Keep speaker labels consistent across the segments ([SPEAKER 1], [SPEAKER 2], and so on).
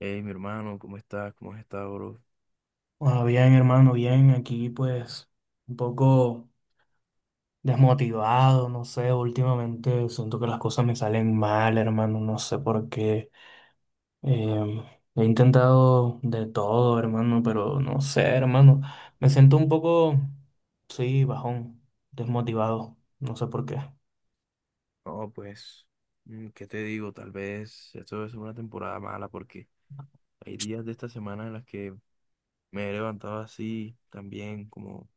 [SPEAKER 1] Hey, mi hermano, ¿cómo estás? ¿Cómo has estado, bro?
[SPEAKER 2] Ah, bien, hermano, bien. Aquí pues un poco desmotivado, no sé, últimamente siento que las cosas me salen mal, hermano, no sé por qué. Em, He intentado de todo, hermano, pero no sé, hermano. Me siento un poco, sí, bajón, desmotivado, no sé por qué.
[SPEAKER 1] No, pues, ¿qué te digo? Tal vez esto debe una temporada mala porque hay días de esta semana en las que me he levantado así, también como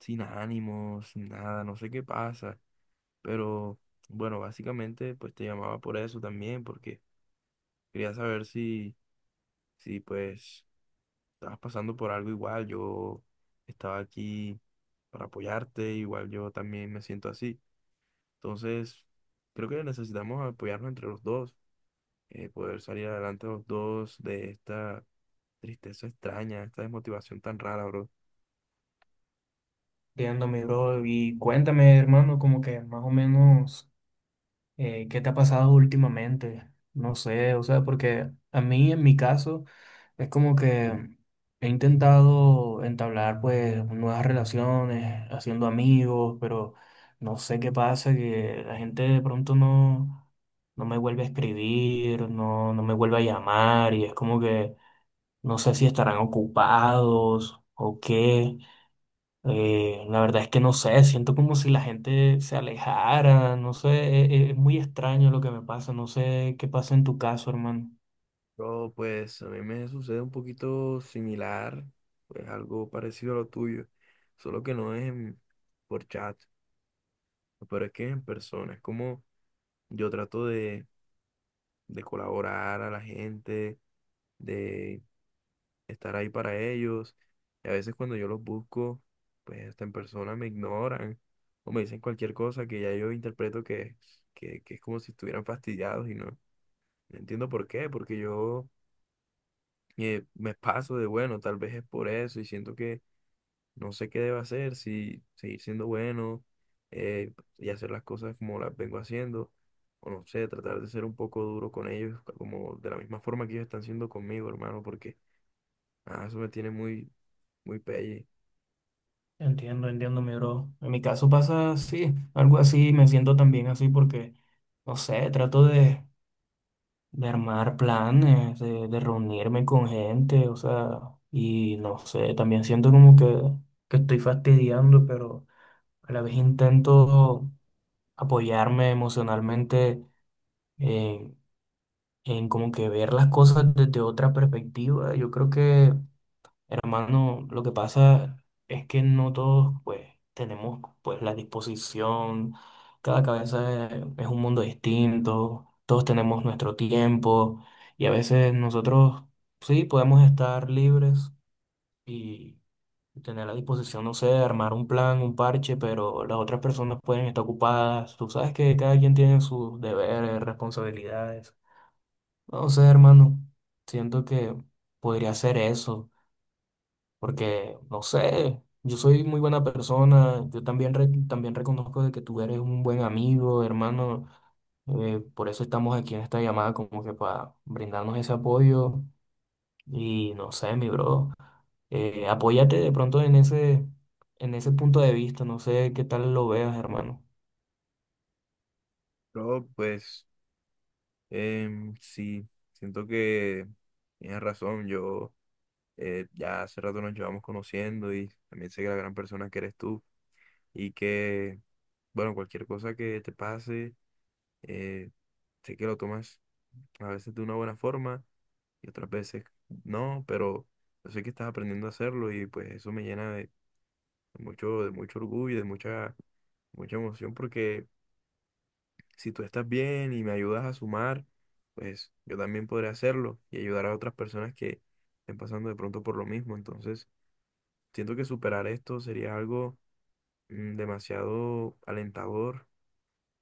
[SPEAKER 1] sin ánimos, sin nada, no sé qué pasa. Pero bueno, básicamente pues te llamaba por eso también, porque quería saber si pues estabas pasando por algo igual. Yo estaba aquí para apoyarte, igual yo también me siento así. Entonces, creo que necesitamos apoyarnos entre los dos, poder salir adelante los dos de esta tristeza extraña, esta desmotivación tan rara, bro.
[SPEAKER 2] Entiendo, mi bro. Y cuéntame, hermano, como que más o menos... ¿qué te ha pasado últimamente? No sé, o sea, porque a mí en mi caso es como que he intentado entablar pues nuevas relaciones, haciendo amigos, pero no sé qué pasa, que la gente de pronto no me vuelve a escribir, no me vuelve a llamar y es como que no sé si estarán ocupados o qué. La verdad es que no sé, siento como si la gente se alejara, no sé, es, muy extraño lo que me pasa, no sé qué pasa en tu caso, hermano.
[SPEAKER 1] Bro, pues a mí me sucede un poquito similar, pues algo parecido a lo tuyo, solo que no es por chat, pero es que es en persona, es como yo trato de colaborar a la gente, estar ahí para ellos. Y a veces cuando yo los busco, pues hasta en persona me ignoran o me dicen cualquier cosa que ya yo interpreto que es como si estuvieran fastidiados y no entiendo por qué, porque yo me paso de bueno, tal vez es por eso y siento que no sé qué debo hacer, si seguir siendo bueno y hacer las cosas como las vengo haciendo. O no sé, tratar de ser un poco duro con ellos, como de la misma forma que ellos están siendo conmigo, hermano, porque eso me tiene muy, muy pelle.
[SPEAKER 2] Entiendo, entiendo, mi bro. En mi caso pasa así, algo así, me siento también así porque, no sé, trato de armar planes, de reunirme con gente, o sea, y no sé, también siento como que estoy fastidiando, pero a la vez intento apoyarme emocionalmente en como que ver las cosas desde otra perspectiva. Yo creo que, hermano, lo que pasa es que no todos pues tenemos pues la disposición, cada cabeza es un mundo distinto, todos tenemos nuestro tiempo y a veces nosotros sí podemos estar libres y tener la disposición, no sé, de armar un plan, un parche, pero las otras personas pueden estar ocupadas. Tú sabes que cada quien tiene sus deberes, responsabilidades. No sé, hermano, siento que podría ser eso, porque, no sé, yo soy muy buena persona, yo también, también reconozco de que tú eres un buen amigo, hermano, por eso estamos aquí en esta llamada, como que para brindarnos ese apoyo y, no sé, mi bro, apóyate de pronto en ese punto de vista, no sé qué tal lo veas, hermano.
[SPEAKER 1] Pero pues sí, siento que tienes razón, yo ya hace rato nos llevamos conociendo y también sé que la gran persona que eres tú y que, bueno, cualquier cosa que te pase, eh, sé que lo tomas a veces de una buena forma y otras veces no, pero yo sé que estás aprendiendo a hacerlo y pues eso me llena de mucho, orgullo y de mucha emoción porque si tú estás bien y me ayudas a sumar, pues yo también podré hacerlo y ayudar a otras personas que estén pasando de pronto por lo mismo. Entonces, siento que superar esto sería algo demasiado alentador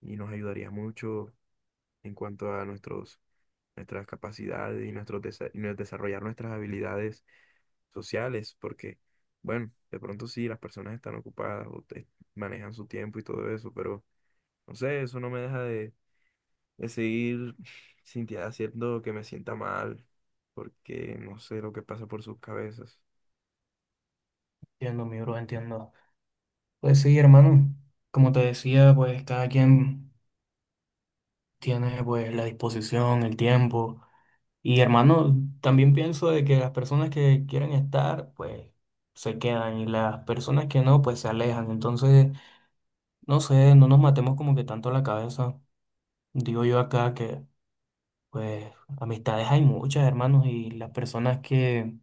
[SPEAKER 1] y nos ayudaría mucho en cuanto a nuestras capacidades y, nuestros desa- y nos- desarrollar nuestras habilidades sociales, porque, bueno, de pronto sí, las personas están ocupadas o manejan su tiempo y todo eso, pero no sé, eso no me deja de seguir haciendo que me sienta mal, porque no sé lo que pasa por sus cabezas.
[SPEAKER 2] Entiendo, mi bro, entiendo. Pues sí, hermano, como te decía, pues cada quien... Tienes pues la disposición, el tiempo. Y hermano, también pienso de que las personas que quieren estar, pues se quedan y las personas que no, pues se alejan. Entonces, no sé, no nos matemos como que tanto la cabeza. Digo yo acá que, pues, amistades hay muchas, hermanos, y las personas que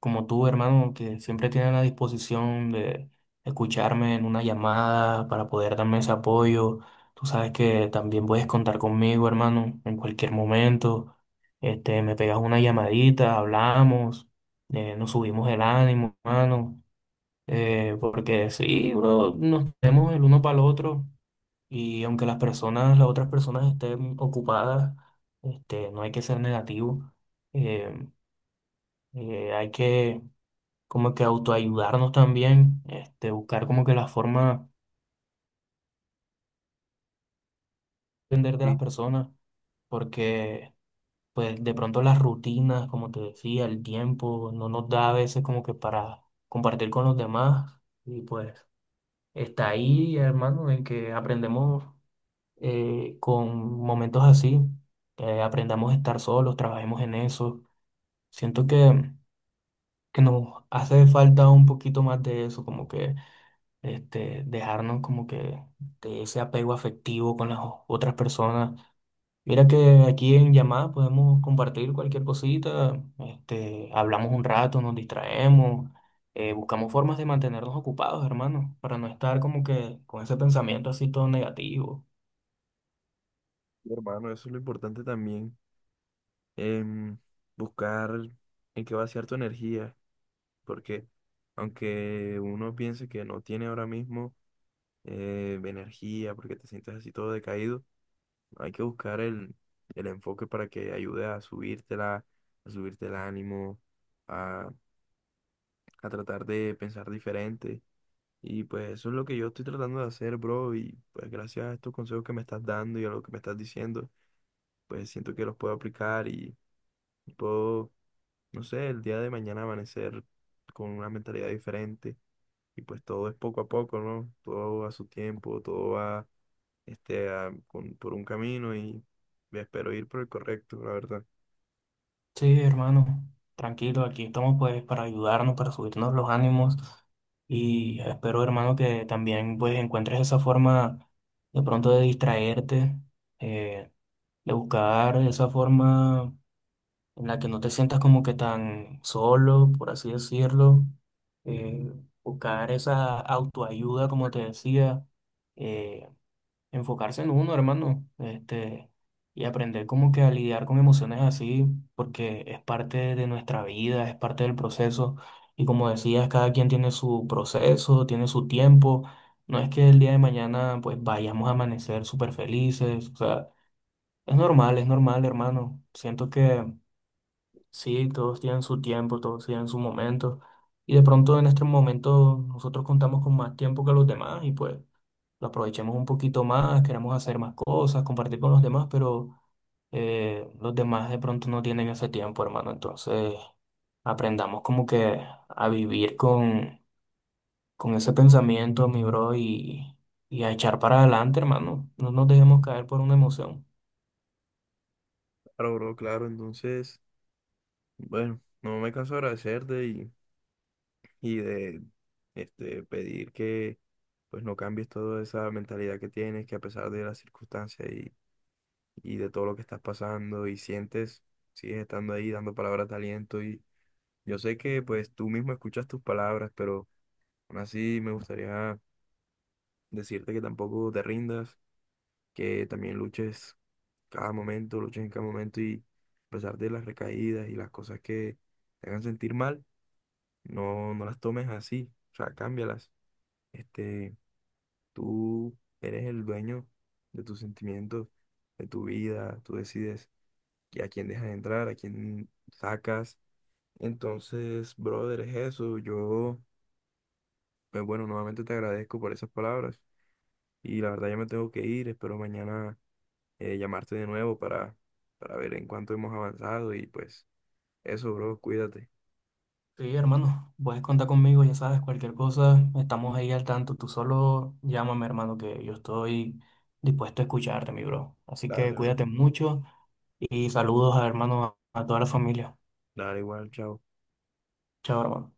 [SPEAKER 2] como tú, hermano, que siempre tienen la disposición de escucharme en una llamada para poder darme ese apoyo. Tú sabes que también puedes contar conmigo, hermano, en cualquier momento. Este, me pegas una llamadita, hablamos, nos subimos el ánimo, hermano. Porque sí, bro, nos tenemos el uno para el otro y aunque las personas, las otras personas estén ocupadas, este, no hay que ser negativo. Eh, Hay que como que autoayudarnos también, este, buscar como que la forma de entender de las
[SPEAKER 1] Y
[SPEAKER 2] personas, porque pues de pronto las rutinas, como te decía, el tiempo no nos da a veces como que para compartir con los demás y pues está ahí, hermano, en que aprendemos con momentos así, aprendamos a estar solos, trabajemos en eso. Siento que nos hace falta un poquito más de eso, como que este, dejarnos como que de ese apego afectivo con las otras personas. Mira que aquí en llamada podemos compartir cualquier cosita, este, hablamos un rato, nos distraemos, buscamos formas de mantenernos ocupados, hermano, para no estar como que con ese pensamiento así todo negativo.
[SPEAKER 1] hermano, eso es lo importante también, em, buscar en qué vaciar tu energía, porque aunque uno piense que no tiene ahora mismo energía, porque te sientes así todo decaído, hay que buscar el enfoque para que ayude a subírtela, a subirte el ánimo, a, a tratar de pensar diferente. Y pues eso es lo que yo estoy tratando de hacer, bro. Y pues gracias a estos consejos que me estás dando y a lo que me estás diciendo, pues siento que los puedo aplicar y puedo, no sé, el día de mañana amanecer con una mentalidad diferente. Y pues todo es poco a poco, ¿no? Todo va a su tiempo, todo va por un camino y me espero ir por el correcto, la verdad.
[SPEAKER 2] Sí, hermano, tranquilo, aquí estamos pues para ayudarnos, para subirnos los ánimos y espero, hermano, que también pues encuentres esa forma de pronto de distraerte. eh, de buscar esa forma en la que no te sientas como que tan solo, por así decirlo, eh, buscar esa autoayuda, como te decía, eh, enfocarse en uno, hermano, este, y aprender como que a lidiar con emociones así, porque es parte de nuestra vida, es parte del proceso, y como decías, cada quien tiene su proceso, tiene su tiempo. No es que el día de mañana pues vayamos a amanecer súper felices, o sea, es normal, hermano. Siento que sí, todos tienen su tiempo, todos tienen su momento. Y de pronto en este momento nosotros contamos con más tiempo que los demás y pues lo aprovechemos un poquito más, queremos hacer más cosas, compartir con los demás, pero los demás de pronto no tienen ese tiempo, hermano. Entonces aprendamos como que a vivir con ese pensamiento, mi bro, y a echar para adelante, hermano. No nos dejemos caer por una emoción.
[SPEAKER 1] Claro, bro, claro. Entonces, bueno, no me canso de agradecerte y de pedir que pues no cambies toda esa mentalidad que tienes, que a pesar de las circunstancias y de todo lo que estás pasando y sientes, sigues estando ahí dando palabras de aliento y yo sé que pues tú mismo escuchas tus palabras, pero aún así me gustaría decirte que tampoco te rindas, que también luches cada momento, luches en cada momento y a pesar de las recaídas y las cosas que te hagan sentir mal, no las tomes así, o sea, cámbialas. Este, Tú eres el dueño de tus sentimientos, de tu vida, tú decides que a quién dejas entrar, a quién sacas. Entonces, brother, es eso. Yo, pues bueno, nuevamente te agradezco por esas palabras y la verdad ya me tengo que ir. Espero mañana llamarte de nuevo para ver en cuánto hemos avanzado y pues eso, bro, cuídate.
[SPEAKER 2] Sí, hermano, puedes contar conmigo, ya sabes, cualquier cosa, estamos ahí al tanto. Tú solo llámame, hermano, que yo estoy dispuesto a escucharte, mi bro. Así que
[SPEAKER 1] Dale, bro.
[SPEAKER 2] cuídate mucho y saludos a hermano, a toda la familia.
[SPEAKER 1] Dale igual, chao.
[SPEAKER 2] Chao, hermano.